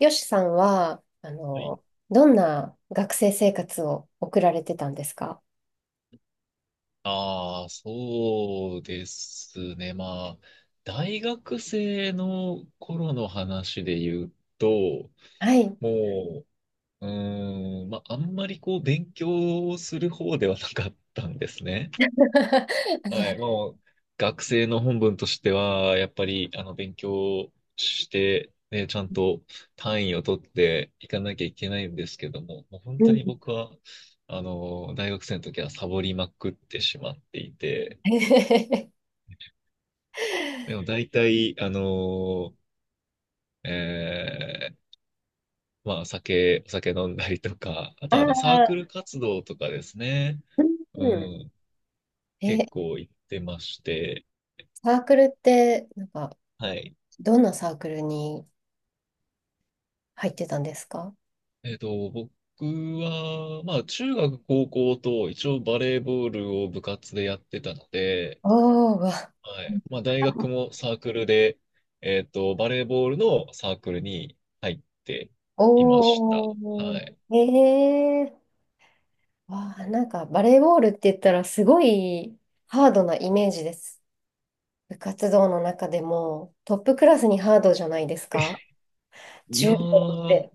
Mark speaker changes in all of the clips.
Speaker 1: よしさんは、
Speaker 2: はい。
Speaker 1: どんな学生生活を送られてたんですか？
Speaker 2: ああ、そうですね。大学生の頃の話で言うと、
Speaker 1: はい。
Speaker 2: もう、うーん、まあ、あんまり勉強をする方ではなかったんですね。はい。学生の本分としては、やっぱり、勉強して、ね、ちゃんと単位を取っていかなきゃいけないんですけども、もう本当
Speaker 1: うん。
Speaker 2: に僕は、大学生の時はサボりまくってしまっていて、でも大体、ーえーお酒飲んだりとか、あ
Speaker 1: あ
Speaker 2: とはなサーク
Speaker 1: あ、
Speaker 2: ル活動とかですね。
Speaker 1: う
Speaker 2: う
Speaker 1: ん。
Speaker 2: ん、
Speaker 1: え、
Speaker 2: 結構行ってまして、
Speaker 1: サークルって、なんか、
Speaker 2: はい。
Speaker 1: どんなサークルに入ってたんですか？
Speaker 2: 僕は、中学、高校と一応バレーボールを部活でやってたので、
Speaker 1: おー、わ、
Speaker 2: はい。まあ、大学もサークルで、バレーボールのサークルに入っていました。
Speaker 1: お
Speaker 2: は
Speaker 1: ー、
Speaker 2: い。
Speaker 1: えー、わあ、なんか、バレーボールって言ったら、すごいハードなイメージです。部活動の中でもトップクラスにハードじゃないですか？
Speaker 2: いや
Speaker 1: 中高っ
Speaker 2: ー、
Speaker 1: て。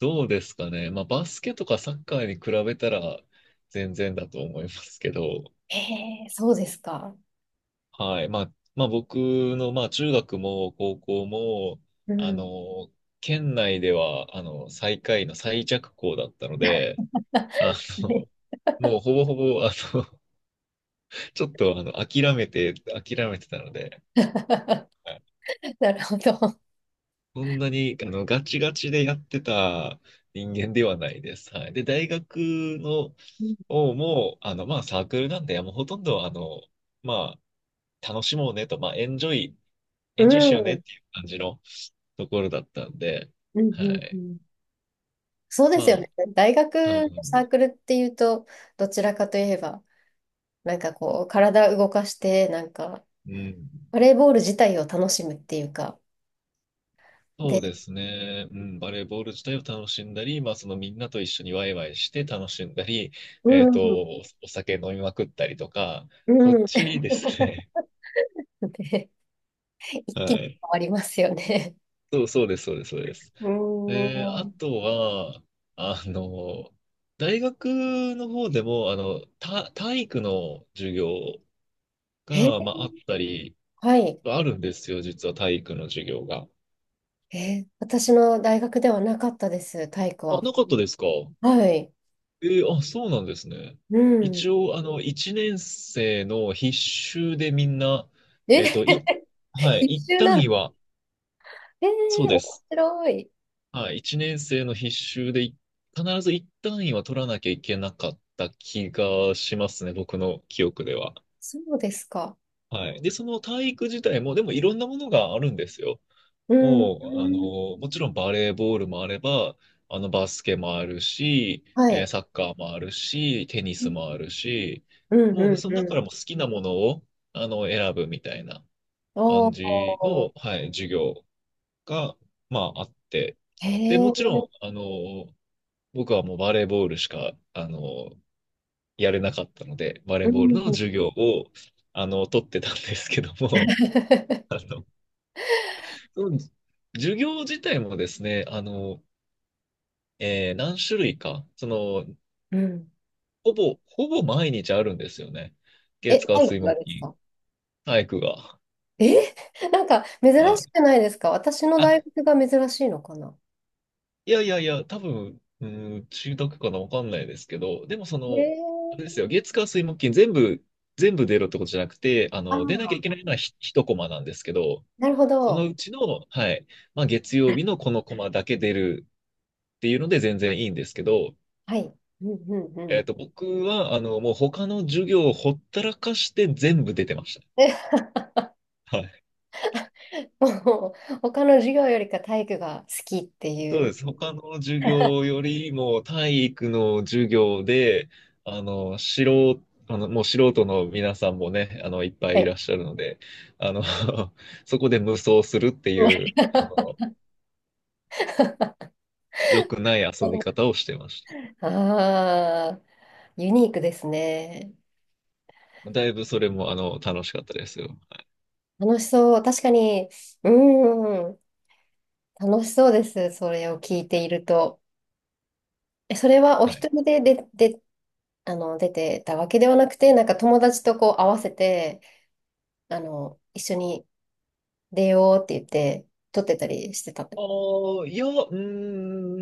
Speaker 2: どうですかね。まあ、バスケとかサッカーに比べたら全然だと思いますけど、
Speaker 1: ええ、そうですか。
Speaker 2: はい。まあ、まあ、僕の、まあ、中学も高校も、
Speaker 1: う
Speaker 2: あ
Speaker 1: ん。
Speaker 2: の、県内では、最下位の最弱校だったので、あの、もうほぼほぼ、あの、ちょっと、あの、諦めてたので、はい。
Speaker 1: なるほど。
Speaker 2: そんなに、ガチガチでやってた人間ではないです。はい。で、大学の、
Speaker 1: うん
Speaker 2: をもう、サークルなんで、もうほとんど、まあ、楽しもうねと、まあ、
Speaker 1: う
Speaker 2: エンジョイしようねっ
Speaker 1: ん
Speaker 2: ていう感じのところだったんで、
Speaker 1: うん
Speaker 2: は
Speaker 1: う
Speaker 2: い。
Speaker 1: ん。そうですよ
Speaker 2: ま
Speaker 1: ね。大学
Speaker 2: あ、う
Speaker 1: の
Speaker 2: ん、
Speaker 1: サークルっていうと、どちらかといえば、なんかこう、体動かして、なんか、
Speaker 2: うん。
Speaker 1: バレーボール自体を楽しむっていうか、
Speaker 2: そう
Speaker 1: で、
Speaker 2: ですね。うん、バレーボール自体を楽しんだり、まあ、そのみんなと一緒にワイワイして楽しんだり、
Speaker 1: うん、
Speaker 2: おお酒飲みまくったりとか、
Speaker 1: う
Speaker 2: そっ
Speaker 1: ん。
Speaker 2: ちですね。
Speaker 1: で、一気に
Speaker 2: はい。
Speaker 1: 変わりますよね。
Speaker 2: そうです、そうです、そうです。
Speaker 1: う
Speaker 2: えー、あ
Speaker 1: ん。
Speaker 2: とは、あの、大学の方でも、た体育の授業
Speaker 1: え、
Speaker 2: が、まあ、あったり、
Speaker 1: はい。
Speaker 2: あるんですよ、実は体育の授業が。
Speaker 1: 私の大学ではなかったです、体育
Speaker 2: あ、
Speaker 1: は。
Speaker 2: なかったですか。
Speaker 1: はい。
Speaker 2: えー、あ、そうなんですね。
Speaker 1: うん。
Speaker 2: 一応、一年生の必修でみんな、
Speaker 1: え、
Speaker 2: えっと、い、は い、
Speaker 1: 必
Speaker 2: 一
Speaker 1: 修な
Speaker 2: 単
Speaker 1: んで
Speaker 2: 位
Speaker 1: す？
Speaker 2: は、
Speaker 1: え
Speaker 2: そう
Speaker 1: ー、
Speaker 2: で
Speaker 1: 面
Speaker 2: す。
Speaker 1: 白い。
Speaker 2: はい、1年生の必修でい必ず1単位は取らなきゃいけなかった気がしますね、僕の記憶では。
Speaker 1: そうですか。
Speaker 2: はい。で、その体育自体も、でもいろんなものがあるんですよ。
Speaker 1: うん。
Speaker 2: もう、
Speaker 1: うん、
Speaker 2: もちろんバレーボールもあれば、バスケもあるし、
Speaker 1: は
Speaker 2: えー
Speaker 1: い。
Speaker 2: サッカーもあるし、テニ
Speaker 1: う
Speaker 2: ス
Speaker 1: ん
Speaker 2: もあるし、
Speaker 1: うん
Speaker 2: もう、その中か
Speaker 1: う
Speaker 2: らも好きなものを、選ぶみたいな
Speaker 1: ん。お
Speaker 2: 感じの、
Speaker 1: ー。
Speaker 2: はい、授業が、まあ、あって、
Speaker 1: へ
Speaker 2: で、もちろ
Speaker 1: ー、
Speaker 2: ん、僕はもうバレーボールしか、やれなかったので、バレ
Speaker 1: う
Speaker 2: ーボールの
Speaker 1: ん。
Speaker 2: 授業を、取ってたんですけども、あ の、その授業自体もですね、何種類か、その、
Speaker 1: うん。
Speaker 2: ほぼ毎日あるんですよね。
Speaker 1: え、
Speaker 2: 月火
Speaker 1: 体
Speaker 2: 水
Speaker 1: 育が
Speaker 2: 木
Speaker 1: です
Speaker 2: 金、
Speaker 1: か？
Speaker 2: 体育が。
Speaker 1: え、なんか珍
Speaker 2: は
Speaker 1: し
Speaker 2: い。
Speaker 1: くないですか？私の
Speaker 2: あ、
Speaker 1: 大学が珍しいのかな？
Speaker 2: いやいやいや、多分、うん、中学かな、わかんないですけど、でもそ
Speaker 1: え
Speaker 2: の、あれです
Speaker 1: ー、
Speaker 2: よ、月火水木金全部、全部出ろってことじゃなくて、
Speaker 1: あ
Speaker 2: 出なきゃ
Speaker 1: あ、
Speaker 2: いけないのはひ一コマなんですけど、
Speaker 1: なるほ
Speaker 2: その
Speaker 1: ど。
Speaker 2: うちの、はい、まあ、月曜日のこのコマだけ出るっていうので全然いいんですけど、
Speaker 1: はい。うんうんうん。
Speaker 2: 僕は、もう他の授業をほったらかして全部出てまし た。はい。
Speaker 1: もう他の授業よりか体育が好きってい
Speaker 2: そう
Speaker 1: う。
Speaker 2: です。他の授業よりも体育の授業で、あの、素人、あの、もう素人の皆さんもね、いっぱ
Speaker 1: は
Speaker 2: いい
Speaker 1: い。
Speaker 2: らっしゃるので、あの、そこで無双するっていう、良くない遊び方をしてまし
Speaker 1: ああ、ユニークですね。
Speaker 2: た。だいぶそれも、楽しかったですよ。
Speaker 1: 楽しそう。確かに、うん、楽しそうです。それを聞いていると。え、それはお
Speaker 2: は
Speaker 1: 一
Speaker 2: い。
Speaker 1: 人で、出てたわけではなくて、なんか友達とこう合わせて、一緒に出ようって言って、撮ってたりしてた。
Speaker 2: ああ、いや、うー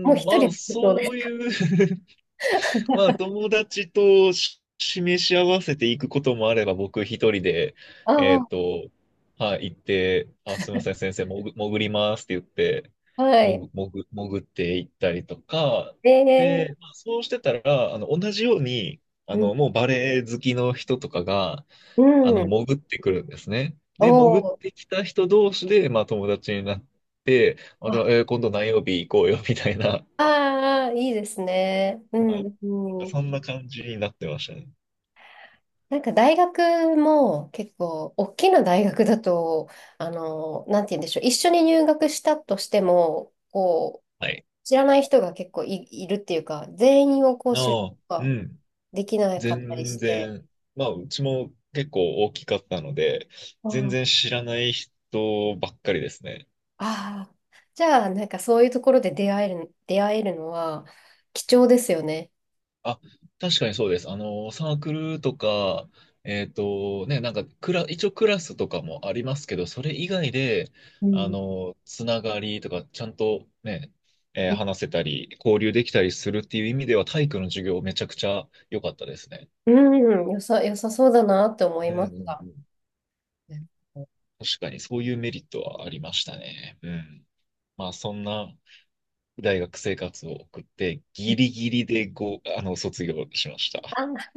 Speaker 1: もう
Speaker 2: ん、
Speaker 1: 一人
Speaker 2: まあ、
Speaker 1: で？そうで
Speaker 2: そ
Speaker 1: す
Speaker 2: う
Speaker 1: か。
Speaker 2: いう。 まあ、友達とし示し合わせていくこともあれば、僕一人で、えっ
Speaker 1: あ。
Speaker 2: と、はい、行って、あ、すいません、先生、潜りますって言って、
Speaker 1: あ、はい。
Speaker 2: 潜って行ったりとか、で、
Speaker 1: ええ、
Speaker 2: まあそうしてたら、同じように、
Speaker 1: うん、
Speaker 2: もうバレエ好きの人とかが、
Speaker 1: うん。
Speaker 2: 潜ってくるんですね。で、潜っ
Speaker 1: お、
Speaker 2: てきた人同士で、まあ、友達になって、あ、
Speaker 1: あ、
Speaker 2: じゃあ、えー今度何曜日行こうよ、みたいな。
Speaker 1: あー、いいですね。う
Speaker 2: はい。
Speaker 1: ん、
Speaker 2: なんか
Speaker 1: う
Speaker 2: そ
Speaker 1: ん。
Speaker 2: んな感じになってましたね。
Speaker 1: なんか大学も結構、大きな大学だと、なんて言うんでしょう、一緒に入学したとしても、こう、
Speaker 2: はい。
Speaker 1: 知らない人が結構いるっていうか、全員をこう知る
Speaker 2: ああ、
Speaker 1: こ
Speaker 2: う
Speaker 1: とが
Speaker 2: ん。
Speaker 1: できなかったり
Speaker 2: 全
Speaker 1: して、
Speaker 2: 然、まあ、うちも結構大きかったので、
Speaker 1: う
Speaker 2: 全
Speaker 1: ん、あ
Speaker 2: 然知らない人ばっかりですね。
Speaker 1: あ、じゃあ、なんかそういうところで出会えるのは貴重ですよね。
Speaker 2: あ、確かにそうです。サークルとか、えっとね、なんかクラ、一応クラスとかもありますけど、それ以外で、
Speaker 1: うん。
Speaker 2: つながりとか、ちゃんとね、えー話せたり、交流できたりするっていう意味では、体育の授業めちゃくちゃ良かったですね。
Speaker 1: うん、よさそうだなって思い
Speaker 2: うん
Speaker 1: ま
Speaker 2: う
Speaker 1: し
Speaker 2: ん
Speaker 1: た。
Speaker 2: うん、
Speaker 1: うん。
Speaker 2: 確かに、そういうメリットはありましたね。うん。まあ、そんな大学生活を送って、ギリ ギリでご、あの、卒業しました。
Speaker 1: あ、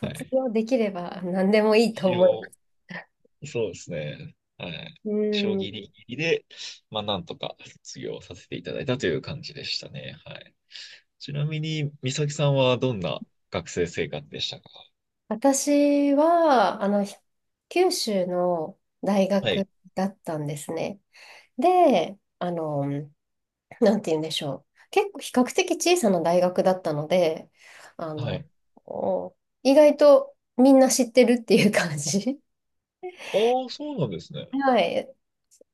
Speaker 2: はい。
Speaker 1: 業できれば何でもいいと
Speaker 2: 一
Speaker 1: 思いま
Speaker 2: 応、
Speaker 1: す。
Speaker 2: そうですね。はい。
Speaker 1: う
Speaker 2: 将棋ギリ
Speaker 1: ん。
Speaker 2: ギリで、まあ、なんとか卒業させていただいたという感じでしたね。はい。ちなみに、美咲さんはどんな学生生活でしたか。
Speaker 1: 私は、九州の大
Speaker 2: はい。
Speaker 1: 学だったんですね。で、なんて言うんでしょう。結構比較的小さな大学だったので、あ
Speaker 2: は
Speaker 1: の、
Speaker 2: い。
Speaker 1: お意外とみんな知ってるっていう感じ。
Speaker 2: ああ、そうなんですね。
Speaker 1: はい。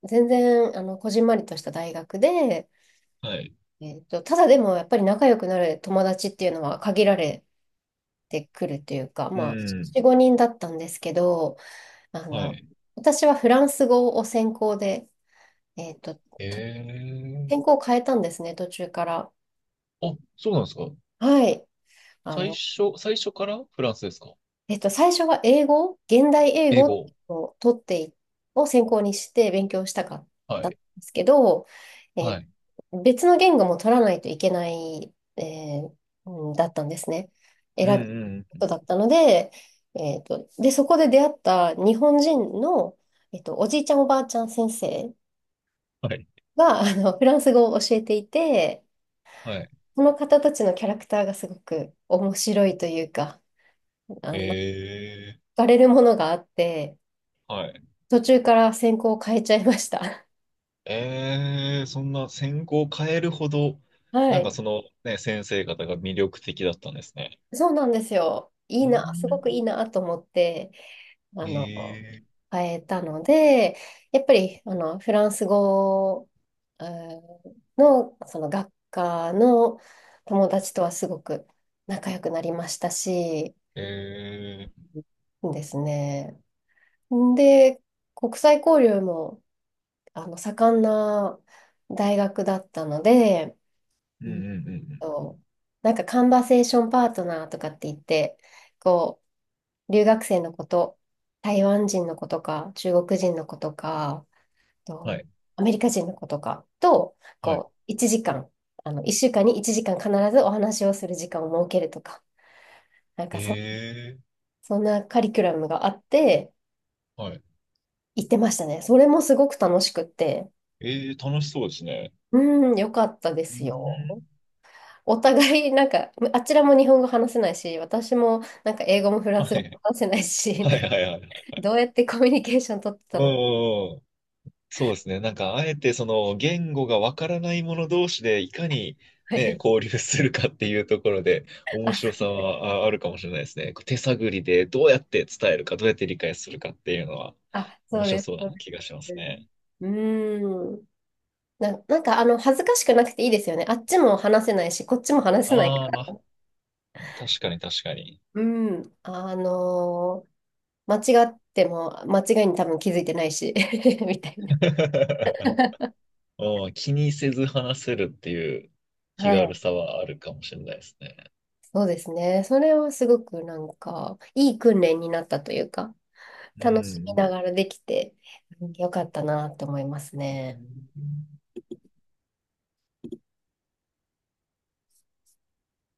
Speaker 1: 全然、こじんまりとした大学で、
Speaker 2: はい。
Speaker 1: ただでもやっぱり仲良くなる友達っていうのは限られてくるというか、
Speaker 2: う
Speaker 1: まあ、
Speaker 2: ん。
Speaker 1: 4、5人だったんですけど、あ
Speaker 2: は
Speaker 1: の、
Speaker 2: い。
Speaker 1: 私はフランス語を専攻で、えっと、と
Speaker 2: え
Speaker 1: 専
Speaker 2: え。
Speaker 1: 攻を変えたんですね、途中から。
Speaker 2: あ、そうなんですか。
Speaker 1: はい。あの、
Speaker 2: 最初からフランスですか。
Speaker 1: 最初は英語、現代英
Speaker 2: 英
Speaker 1: 語
Speaker 2: 語。
Speaker 1: を取ってい、を専攻にして勉強したかっ
Speaker 2: は
Speaker 1: たんで
Speaker 2: い。
Speaker 1: すけど、え
Speaker 2: は
Speaker 1: ー
Speaker 2: い。
Speaker 1: 別の言語も取らないといけない、ーうんだったんですね。
Speaker 2: うん
Speaker 1: 選ぶ
Speaker 2: う
Speaker 1: こ
Speaker 2: んう
Speaker 1: とだ
Speaker 2: ん。
Speaker 1: ったので、で、そこで出会った日本人の、おじいちゃんおばあちゃん先生
Speaker 2: はい。
Speaker 1: が、フランス語を教えていて、
Speaker 2: はい。
Speaker 1: その方たちのキャラクターがすごく面白いというか、惹
Speaker 2: ええ。
Speaker 1: かれるものがあって、
Speaker 2: はい。
Speaker 1: 途中から専攻を変えちゃいました。
Speaker 2: ええ。そんな専攻を変えるほど、
Speaker 1: は
Speaker 2: なんか
Speaker 1: い。
Speaker 2: そのね、先生方が魅力的だったんですね。
Speaker 1: そうなんですよ。い
Speaker 2: う
Speaker 1: いな、すごくいい
Speaker 2: ん。
Speaker 1: なと思って、あの、
Speaker 2: ええ。
Speaker 1: 変えたので、やっぱり、フランス語、の、その学科の友達とはすごく仲良くなりましたし、
Speaker 2: ええ。
Speaker 1: ですね。で、国際交流も、盛んな大学だったので、
Speaker 2: うんうんうんうん。
Speaker 1: そう、なんかカンバセーションパートナーとかって言って、こう、留学生の子と、台湾人の子とか、中国人の子とか、
Speaker 2: は
Speaker 1: と
Speaker 2: い、
Speaker 1: アメリカ人の子とかと、
Speaker 2: はい。
Speaker 1: こう、1時間、1週間に1時間必ずお話をする時間を設けるとか、なんかそ、
Speaker 2: ええ。
Speaker 1: そんなカリキュラムがあって、
Speaker 2: はい。
Speaker 1: 行ってましたね。それもすごく楽しくって、
Speaker 2: ええ楽しそうですね。
Speaker 1: うん、よかったで
Speaker 2: う
Speaker 1: すよ。
Speaker 2: ん。
Speaker 1: お互い、なんか、あちらも日本語話せないし、私もなんか英語もフラン
Speaker 2: は
Speaker 1: ス語も
Speaker 2: い、
Speaker 1: 話せないし、
Speaker 2: はい、はい、はい。
Speaker 1: どうやってコミュニケーション取って
Speaker 2: う
Speaker 1: た
Speaker 2: ん、う
Speaker 1: のか。
Speaker 2: んうん。そうですね。なんか、あえてその言語がわからない者同士でいかに
Speaker 1: は
Speaker 2: ね、
Speaker 1: い。
Speaker 2: 交流するかっていうところで面白さはああるかもしれないですね。こう手探りでどうやって伝えるか、どうやって理解するかっていうのは
Speaker 1: あ、そ
Speaker 2: 面
Speaker 1: う
Speaker 2: 白
Speaker 1: です。
Speaker 2: そう
Speaker 1: そ
Speaker 2: な
Speaker 1: う
Speaker 2: 気がしま
Speaker 1: で
Speaker 2: す
Speaker 1: す。
Speaker 2: ね。
Speaker 1: うーん。なんか、恥ずかしくなくていいですよね。あっちも話せないし、こっちも話せない
Speaker 2: あ
Speaker 1: か
Speaker 2: あ、
Speaker 1: ら。
Speaker 2: 確かに確かに。
Speaker 1: うん。間違っても、間違いに多分気づいてないし、みたいな。
Speaker 2: うん、気にせず話せるっていう気
Speaker 1: は
Speaker 2: 軽
Speaker 1: い。
Speaker 2: さはあるかもしれないですね。
Speaker 1: そうですね。それはすごくなんか、いい訓練になったというか、
Speaker 2: う
Speaker 1: 楽しみな
Speaker 2: ん
Speaker 1: がらできて、うん、よかったなと思います
Speaker 2: う
Speaker 1: ね。
Speaker 2: ん。